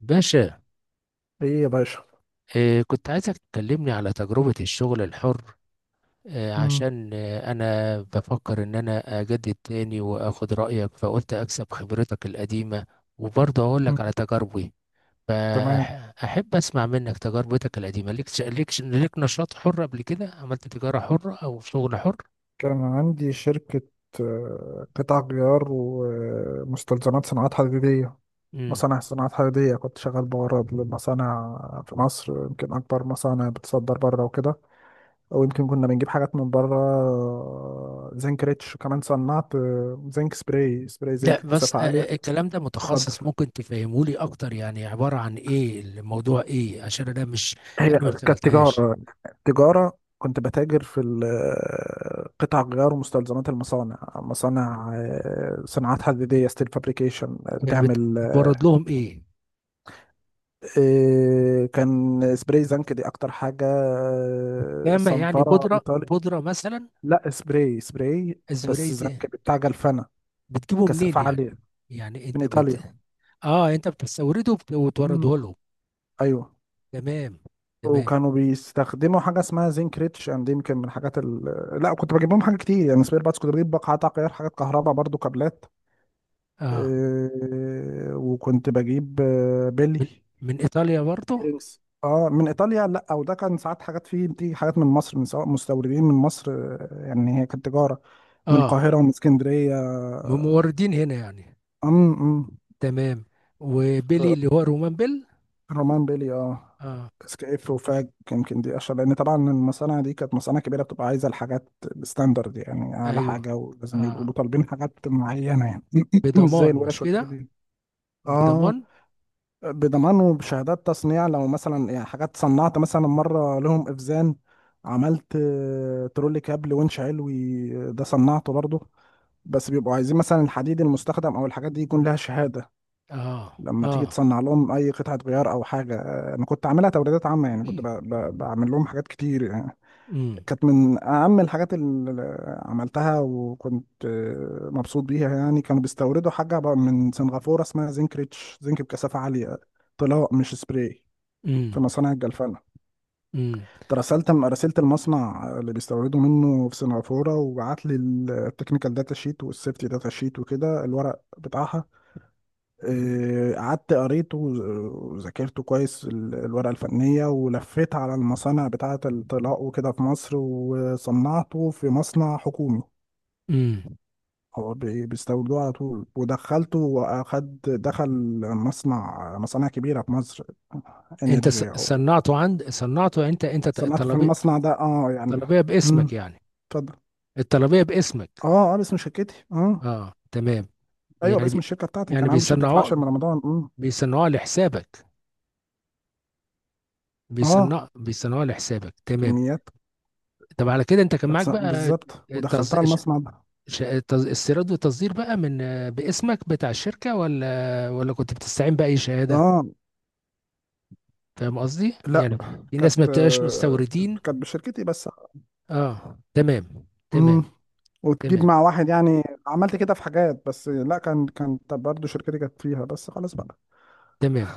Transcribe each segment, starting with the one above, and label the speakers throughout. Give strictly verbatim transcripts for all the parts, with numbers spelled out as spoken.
Speaker 1: باشا.
Speaker 2: ايه يا باشا.
Speaker 1: آه، كنت عايزك تكلمني على تجربة الشغل الحر. آه،
Speaker 2: مم.
Speaker 1: عشان آه، أنا بفكر إن أنا أجدد تاني وأخد رأيك، فقلت أكسب خبرتك القديمة، وبرضه أقول
Speaker 2: مم.
Speaker 1: لك على تجاربي،
Speaker 2: تمام.
Speaker 1: فأحب أسمع منك تجربتك القديمة. ليك ش- ليك ش- ليك نشاط حر قبل كده؟ عملت تجارة حرة أو شغل حر؟
Speaker 2: كان عندي شركة، آه، قطع غيار ومستلزمات صناعات حديدية.
Speaker 1: مم.
Speaker 2: مصانع صناعات حديدية، كنت شغال بورد للمصانع في مصر، يمكن أكبر مصانع بتصدر بره وكده. أو يمكن كنا بنجيب حاجات من بره، آه، زنك ريتش، وكمان صنعت آه، زنك سبراي سبراي زنك
Speaker 1: لا بس، آه،
Speaker 2: كثافة عالية.
Speaker 1: آه، الكلام ده
Speaker 2: اتفضل.
Speaker 1: متخصص، ممكن تفهمولي أكتر؟ يعني عبارة عن إيه الموضوع؟ إيه؟ عشان أنا مش،
Speaker 2: هي
Speaker 1: أنا ما
Speaker 2: كانت
Speaker 1: اشتغلتهاش.
Speaker 2: تجارة. تجارة كنت بتاجر في ال- قطع غيار ومستلزمات المصانع، مصانع آه، صناعات حديدية، ستيل فابريكيشن
Speaker 1: يعني بت-
Speaker 2: بتعمل.
Speaker 1: بتورد لهم ايه؟
Speaker 2: آه، كان سبراي زنك دي أكتر حاجة، آه،
Speaker 1: فاهمة، يعني
Speaker 2: صنفرة
Speaker 1: بودرة
Speaker 2: إيطالي.
Speaker 1: بودرة مثلا؟
Speaker 2: لا سبراي سبراي، بس
Speaker 1: الزبرية دي
Speaker 2: زنك بتاع جلفانة،
Speaker 1: بتجيبه منين
Speaker 2: كثافة
Speaker 1: يعني؟
Speaker 2: عالية،
Speaker 1: يعني
Speaker 2: من
Speaker 1: انت بت
Speaker 2: إيطاليا.
Speaker 1: اه انت بتستورده، وبت-
Speaker 2: م-
Speaker 1: وتورده
Speaker 2: م.
Speaker 1: لهم.
Speaker 2: أيوه.
Speaker 1: تمام. تمام.
Speaker 2: وكانوا بيستخدموا حاجه اسمها زنك ريتش اند، يمكن من الحاجات ال... لا، كنت بجيب لهم حاجه كتير يعني، سبير باتس كنت بجيب، بقعات تغيير، حاجات كهرباء برضو، كابلات.
Speaker 1: اه،
Speaker 2: إيه، وكنت بجيب آه، بيلي
Speaker 1: من من ايطاليا برضو؟
Speaker 2: ايرينجز، اه من ايطاليا. لا وده كان ساعات حاجات فيه، بتيجي حاجات من مصر، من سواء مستوردين من مصر، آه، يعني هي كانت تجاره من
Speaker 1: اه،
Speaker 2: القاهره ومن اسكندريه.
Speaker 1: من موردين هنا يعني.
Speaker 2: امم.
Speaker 1: تمام. وبيلي اللي هو رومان بيل؟
Speaker 2: رومان بيلي اه،
Speaker 1: اه.
Speaker 2: سكيف وفاج يمكن دي اشهر، لان طبعا المصانع دي كانت مصانع كبيره، بتبقى عايزه الحاجات بستاندرد يعني اعلى
Speaker 1: ايوه.
Speaker 2: حاجه، ولازم يبقوا
Speaker 1: اه.
Speaker 2: طالبين حاجات معينه يعني، مش زي
Speaker 1: بضمان مش
Speaker 2: الورش والحاجات
Speaker 1: كده؟
Speaker 2: دي. اه،
Speaker 1: بضمان.
Speaker 2: بضمان وبشهادات تصنيع. لو مثلا يعني حاجات صنعت مثلا مره لهم افزان، عملت آه، ترولي كابل winch علوي، آه، ده صنعته برضه. بس بيبقوا عايزين مثلا الحديد المستخدم او الحاجات دي يكون لها شهاده.
Speaker 1: اه.
Speaker 2: لما تيجي
Speaker 1: اه.
Speaker 2: تصنع لهم اي قطعه غيار او حاجه، آه، انا كنت عاملها توريدات عامه يعني، كنت ب- ب- بعمل لهم حاجات كتير يعني.
Speaker 1: امم.
Speaker 2: كانت من اهم الحاجات اللي عملتها، وكنت آه، مبسوط بيها يعني. كانوا بيستوردوا حاجه بقى من سنغافوره، اسمها زنك ريتش، زنك بكثافه عاليه، طلاء مش سبراي،
Speaker 1: امم.
Speaker 2: في مصانع الجلفنه.
Speaker 1: امم.
Speaker 2: رسلت رسلت المصنع اللي بيستوردوا منه في سنغافوره، وبعت لي التكنيكال داتا شيت والسيفتي داتا شيت وكده، الورق بتاعها. آه، قعدت قريته وذاكرته كويس، ال- الورقة الفنية، ولفيت على المصانع بتاعة الطلاء وكده في مصر، وصنعته في مصنع حكومي.
Speaker 1: امم.
Speaker 2: هو بي- بيستوردوه على طول، ودخلته وأخد دخل مصنع، مصانع كبيرة في مصر،
Speaker 1: انت ص-
Speaker 2: انرجي أو.
Speaker 1: صنعته عند صنعته؟ انت انت ت-
Speaker 2: صنعته في
Speaker 1: الطلبيه؟
Speaker 2: المصنع ده اه يعني.
Speaker 1: الطلبيه باسمك
Speaker 2: مم.
Speaker 1: يعني؟
Speaker 2: اتفضل.
Speaker 1: الطلبيه باسمك؟
Speaker 2: اه اه، باسم شركتي اه.
Speaker 1: اه، تمام.
Speaker 2: ايوه،
Speaker 1: يعني
Speaker 2: باسم
Speaker 1: بي
Speaker 2: الشركة بتاعتي.
Speaker 1: يعني
Speaker 2: كان عندي شركة في العاشر
Speaker 1: بيصنعوها
Speaker 2: من رمضان. مم.
Speaker 1: بيصنعوها لحسابك؟
Speaker 2: اه
Speaker 1: بيصنع بيصنعوها لحسابك، تمام.
Speaker 2: كميات.
Speaker 1: طب على كده انت كان معاك
Speaker 2: اتص-
Speaker 1: بقى
Speaker 2: بالظبط، ودخلتها
Speaker 1: تصديق ش...
Speaker 2: المصنع ده.
Speaker 1: ش... تز... استيراد وتصدير بقى من آه، باسمك بتاع الشركه، ولا ولا كنت بتستعين باي شهاده؟
Speaker 2: اه.
Speaker 1: فاهم قصدي
Speaker 2: لا
Speaker 1: يعني؟ في ناس ما
Speaker 2: كانت،
Speaker 1: بتبقاش
Speaker 2: آه،
Speaker 1: مستوردين.
Speaker 2: كانت بشركتي بس.
Speaker 1: اه، تمام، تمام،
Speaker 2: امم. وتجيب
Speaker 1: تمام،
Speaker 2: مع واحد، يعني عملت كده في حاجات بس، لا كان، كانت برضه شركتي كانت فيها بس، خلاص بقى.
Speaker 1: تمام.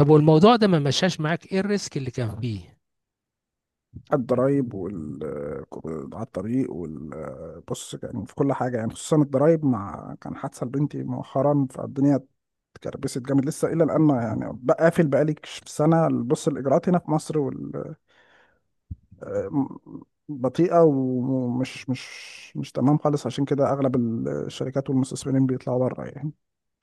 Speaker 1: طب والموضوع ده ما مشاش معاك، ايه الريسك اللي كان فيه؟
Speaker 2: الضرايب وال آه، على الطريق وال آه، بص يعني في كل حاجة، يعني خصوصا الضرايب، مع كان حادثة لبنتي مؤخرا، فالدنيا اتكربست جامد لسه إلى الآن يعني. بقى قافل بقالي سنة. بص، الإجراءات هنا في مصر، آه، بطيئة ومش مش مش تمام خالص، عشان كده أغلب الشركات والمستثمرين بيطلعوا بره يعني.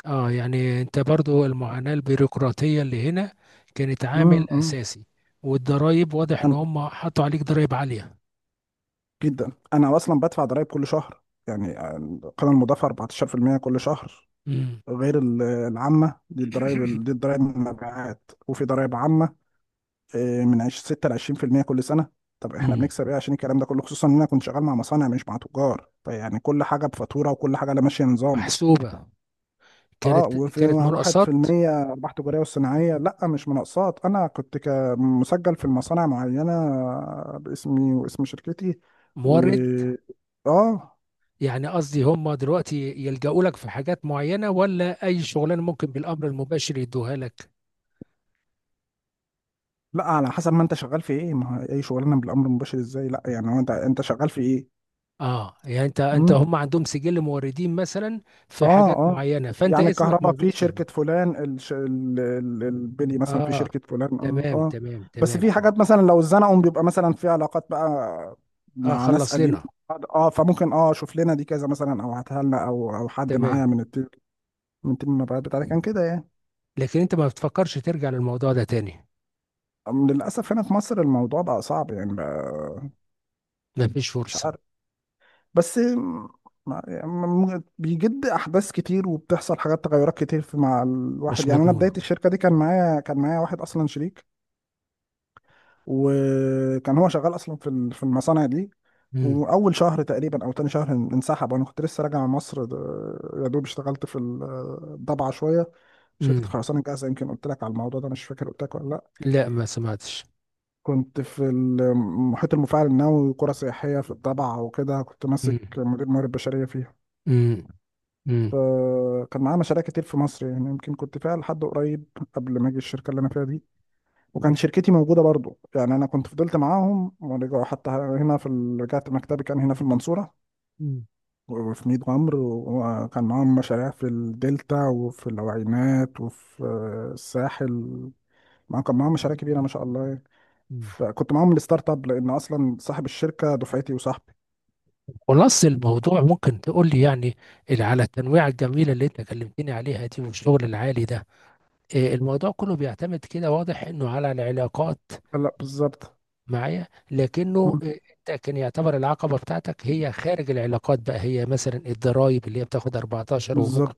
Speaker 1: اه، يعني انت برضو المعاناة البيروقراطية اللي هنا كانت
Speaker 2: مم،
Speaker 1: عامل
Speaker 2: مم.
Speaker 1: اساسي. والضرايب، واضح ان
Speaker 2: أنا
Speaker 1: هم حطوا عليك ضرايب عالية.
Speaker 2: جدا، أنا أصلا بدفع ضرايب كل شهر يعني، القيمة المضافة اربعتاشر في المية كل شهر،
Speaker 1: امم.
Speaker 2: غير ال- العامة دي. الضرايب دي الضرايب من المبيعات، وفي ضرايب عامة آه، من عش- ستة ل عشرين في المية كل سنة. طب احنا
Speaker 1: امم.
Speaker 2: بنكسب ايه عشان الكلام ده كله؟ خصوصا ان انا كنت شغال مع مصانع مش مع تجار، فيعني كل حاجة بفاتورة، وكل حاجة لا، ماشية نظام.
Speaker 1: محسوبة.
Speaker 2: اه،
Speaker 1: كانت
Speaker 2: وفي
Speaker 1: كانت
Speaker 2: مع واحد في
Speaker 1: مرقصات.
Speaker 2: المية أرباح تجارية والصناعية، لا مش مناقصات، أنا كنت ك- مسجل في المصانع معينة باسمي واسم شركتي و
Speaker 1: مورد.
Speaker 2: اه.
Speaker 1: يعني قصدي، هم دلوقتي يلجأوا لك في حاجات معينة، ولا أي شغلانة ممكن بالأمر المباشر يدوها لك؟
Speaker 2: لا على حسب ما أنت شغال في إيه، ما هو أي شغلانة بالأمر المباشر إزاي؟ لا يعني هو، أنت أنت شغال في إيه؟
Speaker 1: اه، يعني انت انت
Speaker 2: إمم.
Speaker 1: هم عندهم سجل موردين مثلا في
Speaker 2: اه
Speaker 1: حاجات
Speaker 2: اه،
Speaker 1: معينة، فأنت
Speaker 2: يعني
Speaker 1: اسمك
Speaker 2: الكهرباء
Speaker 1: موجود
Speaker 2: في
Speaker 1: فيه؟
Speaker 2: شركة فلان، الش... ال... ال- البلي مثلا في
Speaker 1: اه،
Speaker 2: شركة فلان، اه
Speaker 1: تمام،
Speaker 2: اه.
Speaker 1: تمام،
Speaker 2: بس
Speaker 1: تمام،
Speaker 2: في
Speaker 1: تمام.
Speaker 2: حاجات مثلا لو اتزنقوا، بيبقى مثلا في علاقات بقى
Speaker 1: اه،
Speaker 2: مع ناس
Speaker 1: خلص
Speaker 2: قديمة.
Speaker 1: لنا.
Speaker 2: اه، فممكن اه، شوف لنا دي كذا مثلا، او هاتها لنا، او او حد
Speaker 1: تمام.
Speaker 2: معايا من التيم، من تيم المبيعات بتاعتي. كان كده يعني.
Speaker 1: لكن انت ما بتفكرش ترجع للموضوع ده تاني؟
Speaker 2: أم، للأسف هنا في مصر الموضوع بقى صعب يعني بقى،
Speaker 1: ما فيش
Speaker 2: مش
Speaker 1: فرصة؟
Speaker 2: عارف. بس، ما- يعني م- بيجد احداث كتير، وبتحصل حاجات تغيرات كتير في مع الواحد
Speaker 1: مش
Speaker 2: يعني. انا بدايه
Speaker 1: مضمونة.
Speaker 2: الشركه دي كان معايا، كان معايا واحد اصلا شريك، وكان هو شغال اصلا في ال- في المصانع دي.
Speaker 1: امم.
Speaker 2: واول شهر تقريبا او تاني شهر ان- انسحب، وانا كنت لسه راجع من مصر. ده- يا دوب اشتغلت في الضبعه شويه، شركه
Speaker 1: امم.
Speaker 2: خرسانه جاهزه. يمكن قلت لك على الموضوع ده، مش فاكر قلت لك ولا لا.
Speaker 1: لا، ما سمعتش.
Speaker 2: كنت في المحيط المفاعل النووي وقرى سياحيه في الضبعه وكده، كنت
Speaker 1: امم.
Speaker 2: ماسك مدير الموارد البشريه فيها.
Speaker 1: امم. امم.
Speaker 2: فكان معاه مشاريع كتير في مصر يعني، يمكن كنت فيها لحد قريب قبل ما اجي الشركه اللي انا فيها دي. وكان شركتي موجودة برضو يعني. أنا كنت فضلت معاهم ورجعوا حتى هنا في ال... رجعت مكتبي كان هنا في المنصورة
Speaker 1: أمم.
Speaker 2: وفي ميت غمر. وكان معاهم مشاريع في الدلتا وفي العوينات وفي الساحل. ما كان معاهم مشاريع كبيرة ما شاء الله يعني.
Speaker 1: أمم.
Speaker 2: فكنت معاهم الستارت اب، لأن أصلا صاحب الشركة دفعتي وصاحبي.
Speaker 1: خلاص، الموضوع ممكن تقول لي يعني، ال- على التنويعة الجميلة اللي انت كلمتني عليها دي، والشغل العالي ده، إيه، الموضوع كله بيعتمد، كده واضح انه على العلاقات
Speaker 2: لا بالظبط.
Speaker 1: معايا. لكنه
Speaker 2: مم.
Speaker 1: آه، انت كان يعتبر العقبه بتاعتك هي خارج العلاقات بقى، هي مثلا الضرايب، اللي هي بتاخد أربعتاشر وممكن
Speaker 2: بالظبط.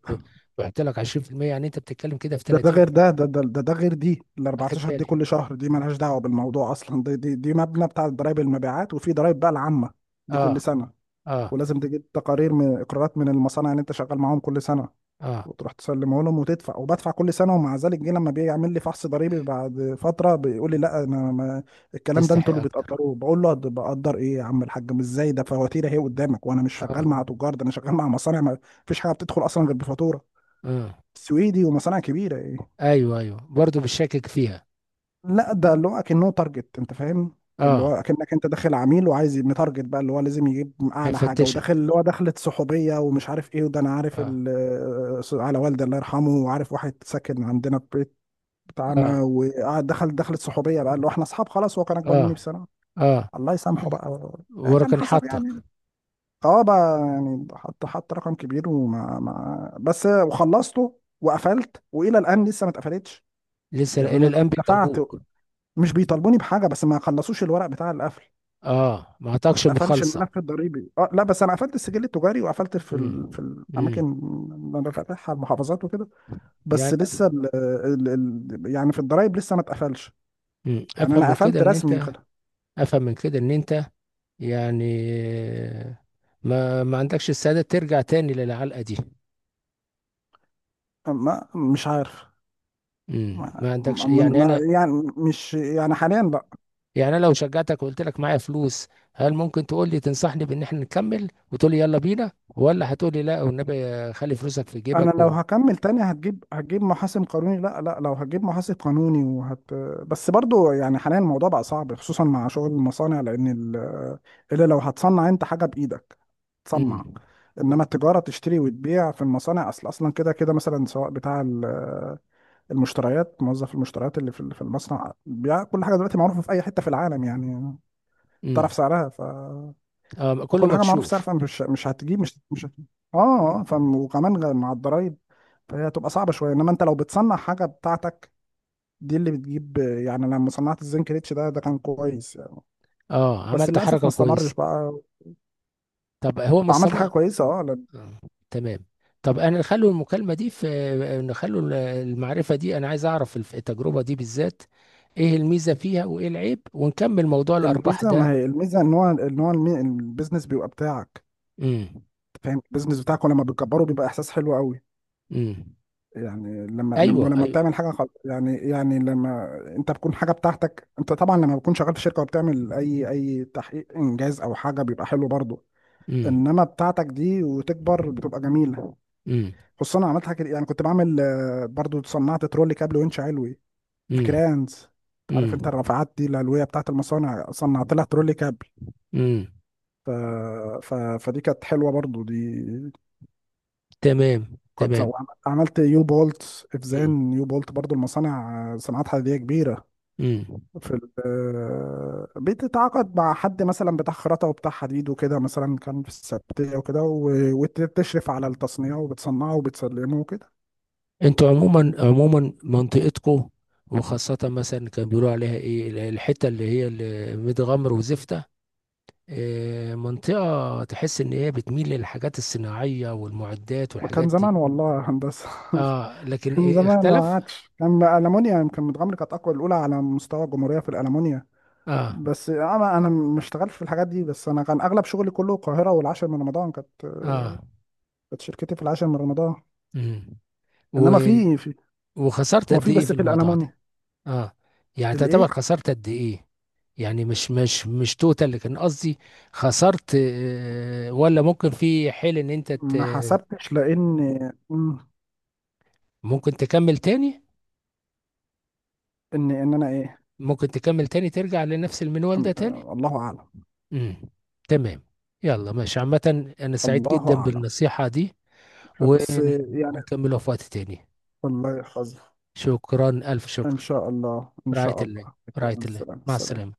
Speaker 1: تحط لك عشرين في المية، يعني انت بتتكلم كده في
Speaker 2: ده، ده
Speaker 1: ثلاثين.
Speaker 2: غير ده، ده ده ده, ده غير دي. ال
Speaker 1: اخد
Speaker 2: اربعة عشر دي
Speaker 1: بالي.
Speaker 2: كل شهر، دي مالهاش دعوة بالموضوع أصلا، دي دي دي مبنى بتاع ضرايب المبيعات. وفي ضرايب بقى العامة دي
Speaker 1: اه.
Speaker 2: كل سنة،
Speaker 1: اه.
Speaker 2: ولازم تجيب تقارير من اقرارات من المصانع اللي انت شغال معاهم كل سنه،
Speaker 1: اه.
Speaker 2: وتروح تسلمه لهم وتدفع. وبدفع كل سنه، ومع ذلك جه لما بيعمل لي فحص ضريبي بعد فتره، بيقول لي لا انا ما، الكلام ده
Speaker 1: تستحق
Speaker 2: انتوا اللي
Speaker 1: اكتر.
Speaker 2: بتقدروه. بقول له "أد- بقدر ايه يا عم الحاج؟ مش ازاي ده؟ فواتير اهي قدامك، وانا مش
Speaker 1: اه.
Speaker 2: شغال مع تجار، ده انا شغال مع مصانع، ما فيش حاجه بتدخل اصلا غير بفاتوره،
Speaker 1: اه.
Speaker 2: سويدي ومصانع كبيره ايه".
Speaker 1: ايوه، ايوه، برضه بشكك فيها.
Speaker 2: لا، ده اللي هو اكنه تارجت، انت فاهم، اللي هو
Speaker 1: اه.
Speaker 2: اكنك انت داخل عميل وعايز متارجت بقى، اللي هو لازم يجيب اعلى حاجه.
Speaker 1: هيفتشك.
Speaker 2: وداخل اللي هو، دخلت صحوبيه ومش عارف ايه. وده انا عارف
Speaker 1: اه.
Speaker 2: ال- على والدي الله يرحمه، وعارف واحد ساكن عندنا في البيت بتاعنا،
Speaker 1: اه.
Speaker 2: وقعد دخل، دخلت صحوبيه بقى اللي هو احنا اصحاب خلاص، هو كان اكبر
Speaker 1: اه.
Speaker 2: مني بسنه،
Speaker 1: اه.
Speaker 2: الله يسامحه بقى. ده كان
Speaker 1: وركن
Speaker 2: حصل يعني.
Speaker 1: حطك.
Speaker 2: اه بقى يعني، حط حط رقم كبير. وما ما بس، وخلصته وقفلت، والى الان لسه ما اتقفلتش
Speaker 1: لسه
Speaker 2: يعني.
Speaker 1: الى
Speaker 2: انا
Speaker 1: الان
Speaker 2: دفعت،
Speaker 1: بيطلبوك؟
Speaker 2: مش بيطالبوني بحاجه، بس ما خلصوش الورق بتاع القفل.
Speaker 1: اه، ما
Speaker 2: ما
Speaker 1: اعطاكش
Speaker 2: اتقفلش
Speaker 1: مخالصه؟
Speaker 2: الملف الضريبي. اه لا، بس انا قفلت السجل التجاري وقفلت في ال... في
Speaker 1: امم.
Speaker 2: الاماكن
Speaker 1: امم.
Speaker 2: اللي انا فاتحها، المحافظات وكده. بس
Speaker 1: يعني،
Speaker 2: لسه ال... ال... ال... يعني في الضرايب لسه ما اتقفلش.
Speaker 1: مم.
Speaker 2: يعني
Speaker 1: افهم
Speaker 2: انا
Speaker 1: من كده
Speaker 2: قفلت
Speaker 1: ان
Speaker 2: رسمي
Speaker 1: انت،
Speaker 2: كده.
Speaker 1: افهم من كده ان انت يعني ما ما عندكش السعادة ترجع تاني للعلقة دي؟
Speaker 2: ما مش عارف.
Speaker 1: مم.
Speaker 2: ما...
Speaker 1: ما عندكش
Speaker 2: ما...
Speaker 1: يعني؟
Speaker 2: ما...
Speaker 1: انا،
Speaker 2: يعني مش، يعني حاليا لا.
Speaker 1: يعني انا لو شجعتك وقلت لك معايا فلوس، هل ممكن تقول لي تنصحني بان احنا نكمل، وتقول لي يلا بينا، ولا هتقول لي لا والنبي خلي فلوسك في
Speaker 2: انا
Speaker 1: جيبك
Speaker 2: لو
Speaker 1: و...
Speaker 2: هكمل تاني، هتجيب هتجيب محاسب قانوني. لا لا، لو هتجيب محاسب قانوني، وهت بس برضو يعني حاليا الموضوع بقى صعب، خصوصا مع شغل المصانع، لان ال... الا لو هتصنع انت حاجه بايدك،
Speaker 1: مم.
Speaker 2: تصنع. انما التجاره، تشتري وتبيع في المصانع، اصل اصلا كده كده، مثلا سواء بتاع ال- المشتريات، موظف المشتريات اللي في في المصنع. بيع كل حاجه دلوقتي معروفه في اي حته في العالم يعني، تعرف
Speaker 1: مم.
Speaker 2: سعرها. ف،
Speaker 1: آه، كله
Speaker 2: فكل حاجه معروف سعر،
Speaker 1: مكشوف.
Speaker 2: فمش مش هتجيب، مش مش هت- اه اه. فم وكمان غ- مع الضرايب، فهي هتبقى صعبه شويه. انما انت لو بتصنع حاجه بتاعتك، دي اللي بتجيب. يعني لما صنعت الزنك ريتش ده، ده كان كويس يعني،
Speaker 1: اه،
Speaker 2: بس
Speaker 1: عملت
Speaker 2: للاسف ما
Speaker 1: حركة
Speaker 2: استمرش
Speaker 1: كويس.
Speaker 2: بقى.
Speaker 1: طب هو ما
Speaker 2: عملت
Speaker 1: الصم...
Speaker 2: حاجه
Speaker 1: آه.
Speaker 2: كويسه اه. لأن
Speaker 1: تمام. طب انا نخلو المكالمه دي في نخلو ال- المعرفه دي، انا عايز اعرف الف- التجربه دي بالذات، ايه الميزه فيها وايه العيب، ونكمل موضوع الارباح
Speaker 2: الميزه، ما
Speaker 1: ده.
Speaker 2: هي الميزه ان هو، ان هو المي- البيزنس بيبقى بتاعك،
Speaker 1: امم.
Speaker 2: أنت فاهم، البيزنس بتاعك، ولما بتكبره بيبقى احساس حلو قوي.
Speaker 1: امم.
Speaker 2: يعني لما لما
Speaker 1: ايوه،
Speaker 2: لما
Speaker 1: ايوه.
Speaker 2: بتعمل حاجه خل... يعني يعني لما انت بتكون حاجه بتاعتك انت، طبعا لما بتكون شغال في شركه وبتعمل اي اي تحقيق انجاز او حاجه بيبقى حلو برضه،
Speaker 1: امم.
Speaker 2: انما بتاعتك دي وتكبر بتبقى جميله.
Speaker 1: امم.
Speaker 2: خصوصا انا عملت حاجه كده- يعني، كنت بعمل آه، برضه صنعت ترولي كابل وينش علوي،
Speaker 1: امم.
Speaker 2: الكرانز. عارف انت
Speaker 1: امم.
Speaker 2: الرافعات دي العلويه بتاعت المصانع، صنعت لها ترولي كابل.
Speaker 1: امم.
Speaker 2: ف... ف... فدي كانت حلوه برضه دي.
Speaker 1: تمام.
Speaker 2: كنت
Speaker 1: تمام.
Speaker 2: عملت يو بولت
Speaker 1: امم.
Speaker 2: افزان، يو بولت برضه المصانع آه، صناعات حديديه كبيره.
Speaker 1: امم.
Speaker 2: في ال- آه، بتتعاقد مع حد مثلا بتاع خراطة وبتاع حديد وكده، مثلا كان في السبتية وكده، و- وتشرف على التصنيع وبتصنعه وبتسلمه وكده.
Speaker 1: انتوا عموما، عموما منطقتكم، وخاصه مثلا كان بيقولوا عليها ايه الحته اللي هي اللي ميت غمر وزفته، آه، منطقة تحس إن هي بتميل للحاجات الصناعية والمعدات والحاجات
Speaker 2: كان
Speaker 1: دي.
Speaker 2: زمان والله يا هندسة.
Speaker 1: اه، لكن
Speaker 2: كان
Speaker 1: إيه
Speaker 2: زمان، ما
Speaker 1: اختلف؟
Speaker 2: عادش. كان ألمونيا، يمكن متغمر كانت أقوى، الأولى على مستوى الجمهورية في الألمونيا.
Speaker 1: اه.
Speaker 2: بس أنا أنا ما اشتغلتش في الحاجات دي، بس أنا كان أغلب شغلي كله القاهرة والعاشر من رمضان كانت، آه،
Speaker 1: اه.
Speaker 2: كانت شركتي في العاشر من رمضان.
Speaker 1: امم. و...
Speaker 2: إنما في في
Speaker 1: وخسرت
Speaker 2: هو
Speaker 1: قد
Speaker 2: في،
Speaker 1: إيه
Speaker 2: بس
Speaker 1: في
Speaker 2: في
Speaker 1: الموضوع ده؟
Speaker 2: الألمونيا.
Speaker 1: اه، يعني تعتبر
Speaker 2: الإيه؟
Speaker 1: خسرت قد إيه؟ يعني مش مش مش توتال، لكن قصدي، خسرت، آه ولا ممكن في حيل إن أنت ت...
Speaker 2: ما حسبتش لأن، مم.
Speaker 1: ممكن تكمل تاني؟
Speaker 2: ان ان انا ايه.
Speaker 1: ممكن تكمل تاني ترجع لنفس المنوال ده
Speaker 2: أم-
Speaker 1: تاني؟
Speaker 2: الله اعلم.
Speaker 1: امم. تمام. يلا ماشي، عامة أنا سعيد
Speaker 2: الله
Speaker 1: جدا
Speaker 2: اعلم.
Speaker 1: بالنصيحة دي.
Speaker 2: فبس
Speaker 1: ون-
Speaker 2: يعني،
Speaker 1: ونكملها في وقت تاني.
Speaker 2: والله حظ.
Speaker 1: شكرا، ألف
Speaker 2: ان
Speaker 1: شكر.
Speaker 2: شاء الله ان
Speaker 1: رعاية
Speaker 2: شاء
Speaker 1: الله.
Speaker 2: الله. اوكي.
Speaker 1: رعاية الله،
Speaker 2: السلام
Speaker 1: مع
Speaker 2: السلام.
Speaker 1: السلامة.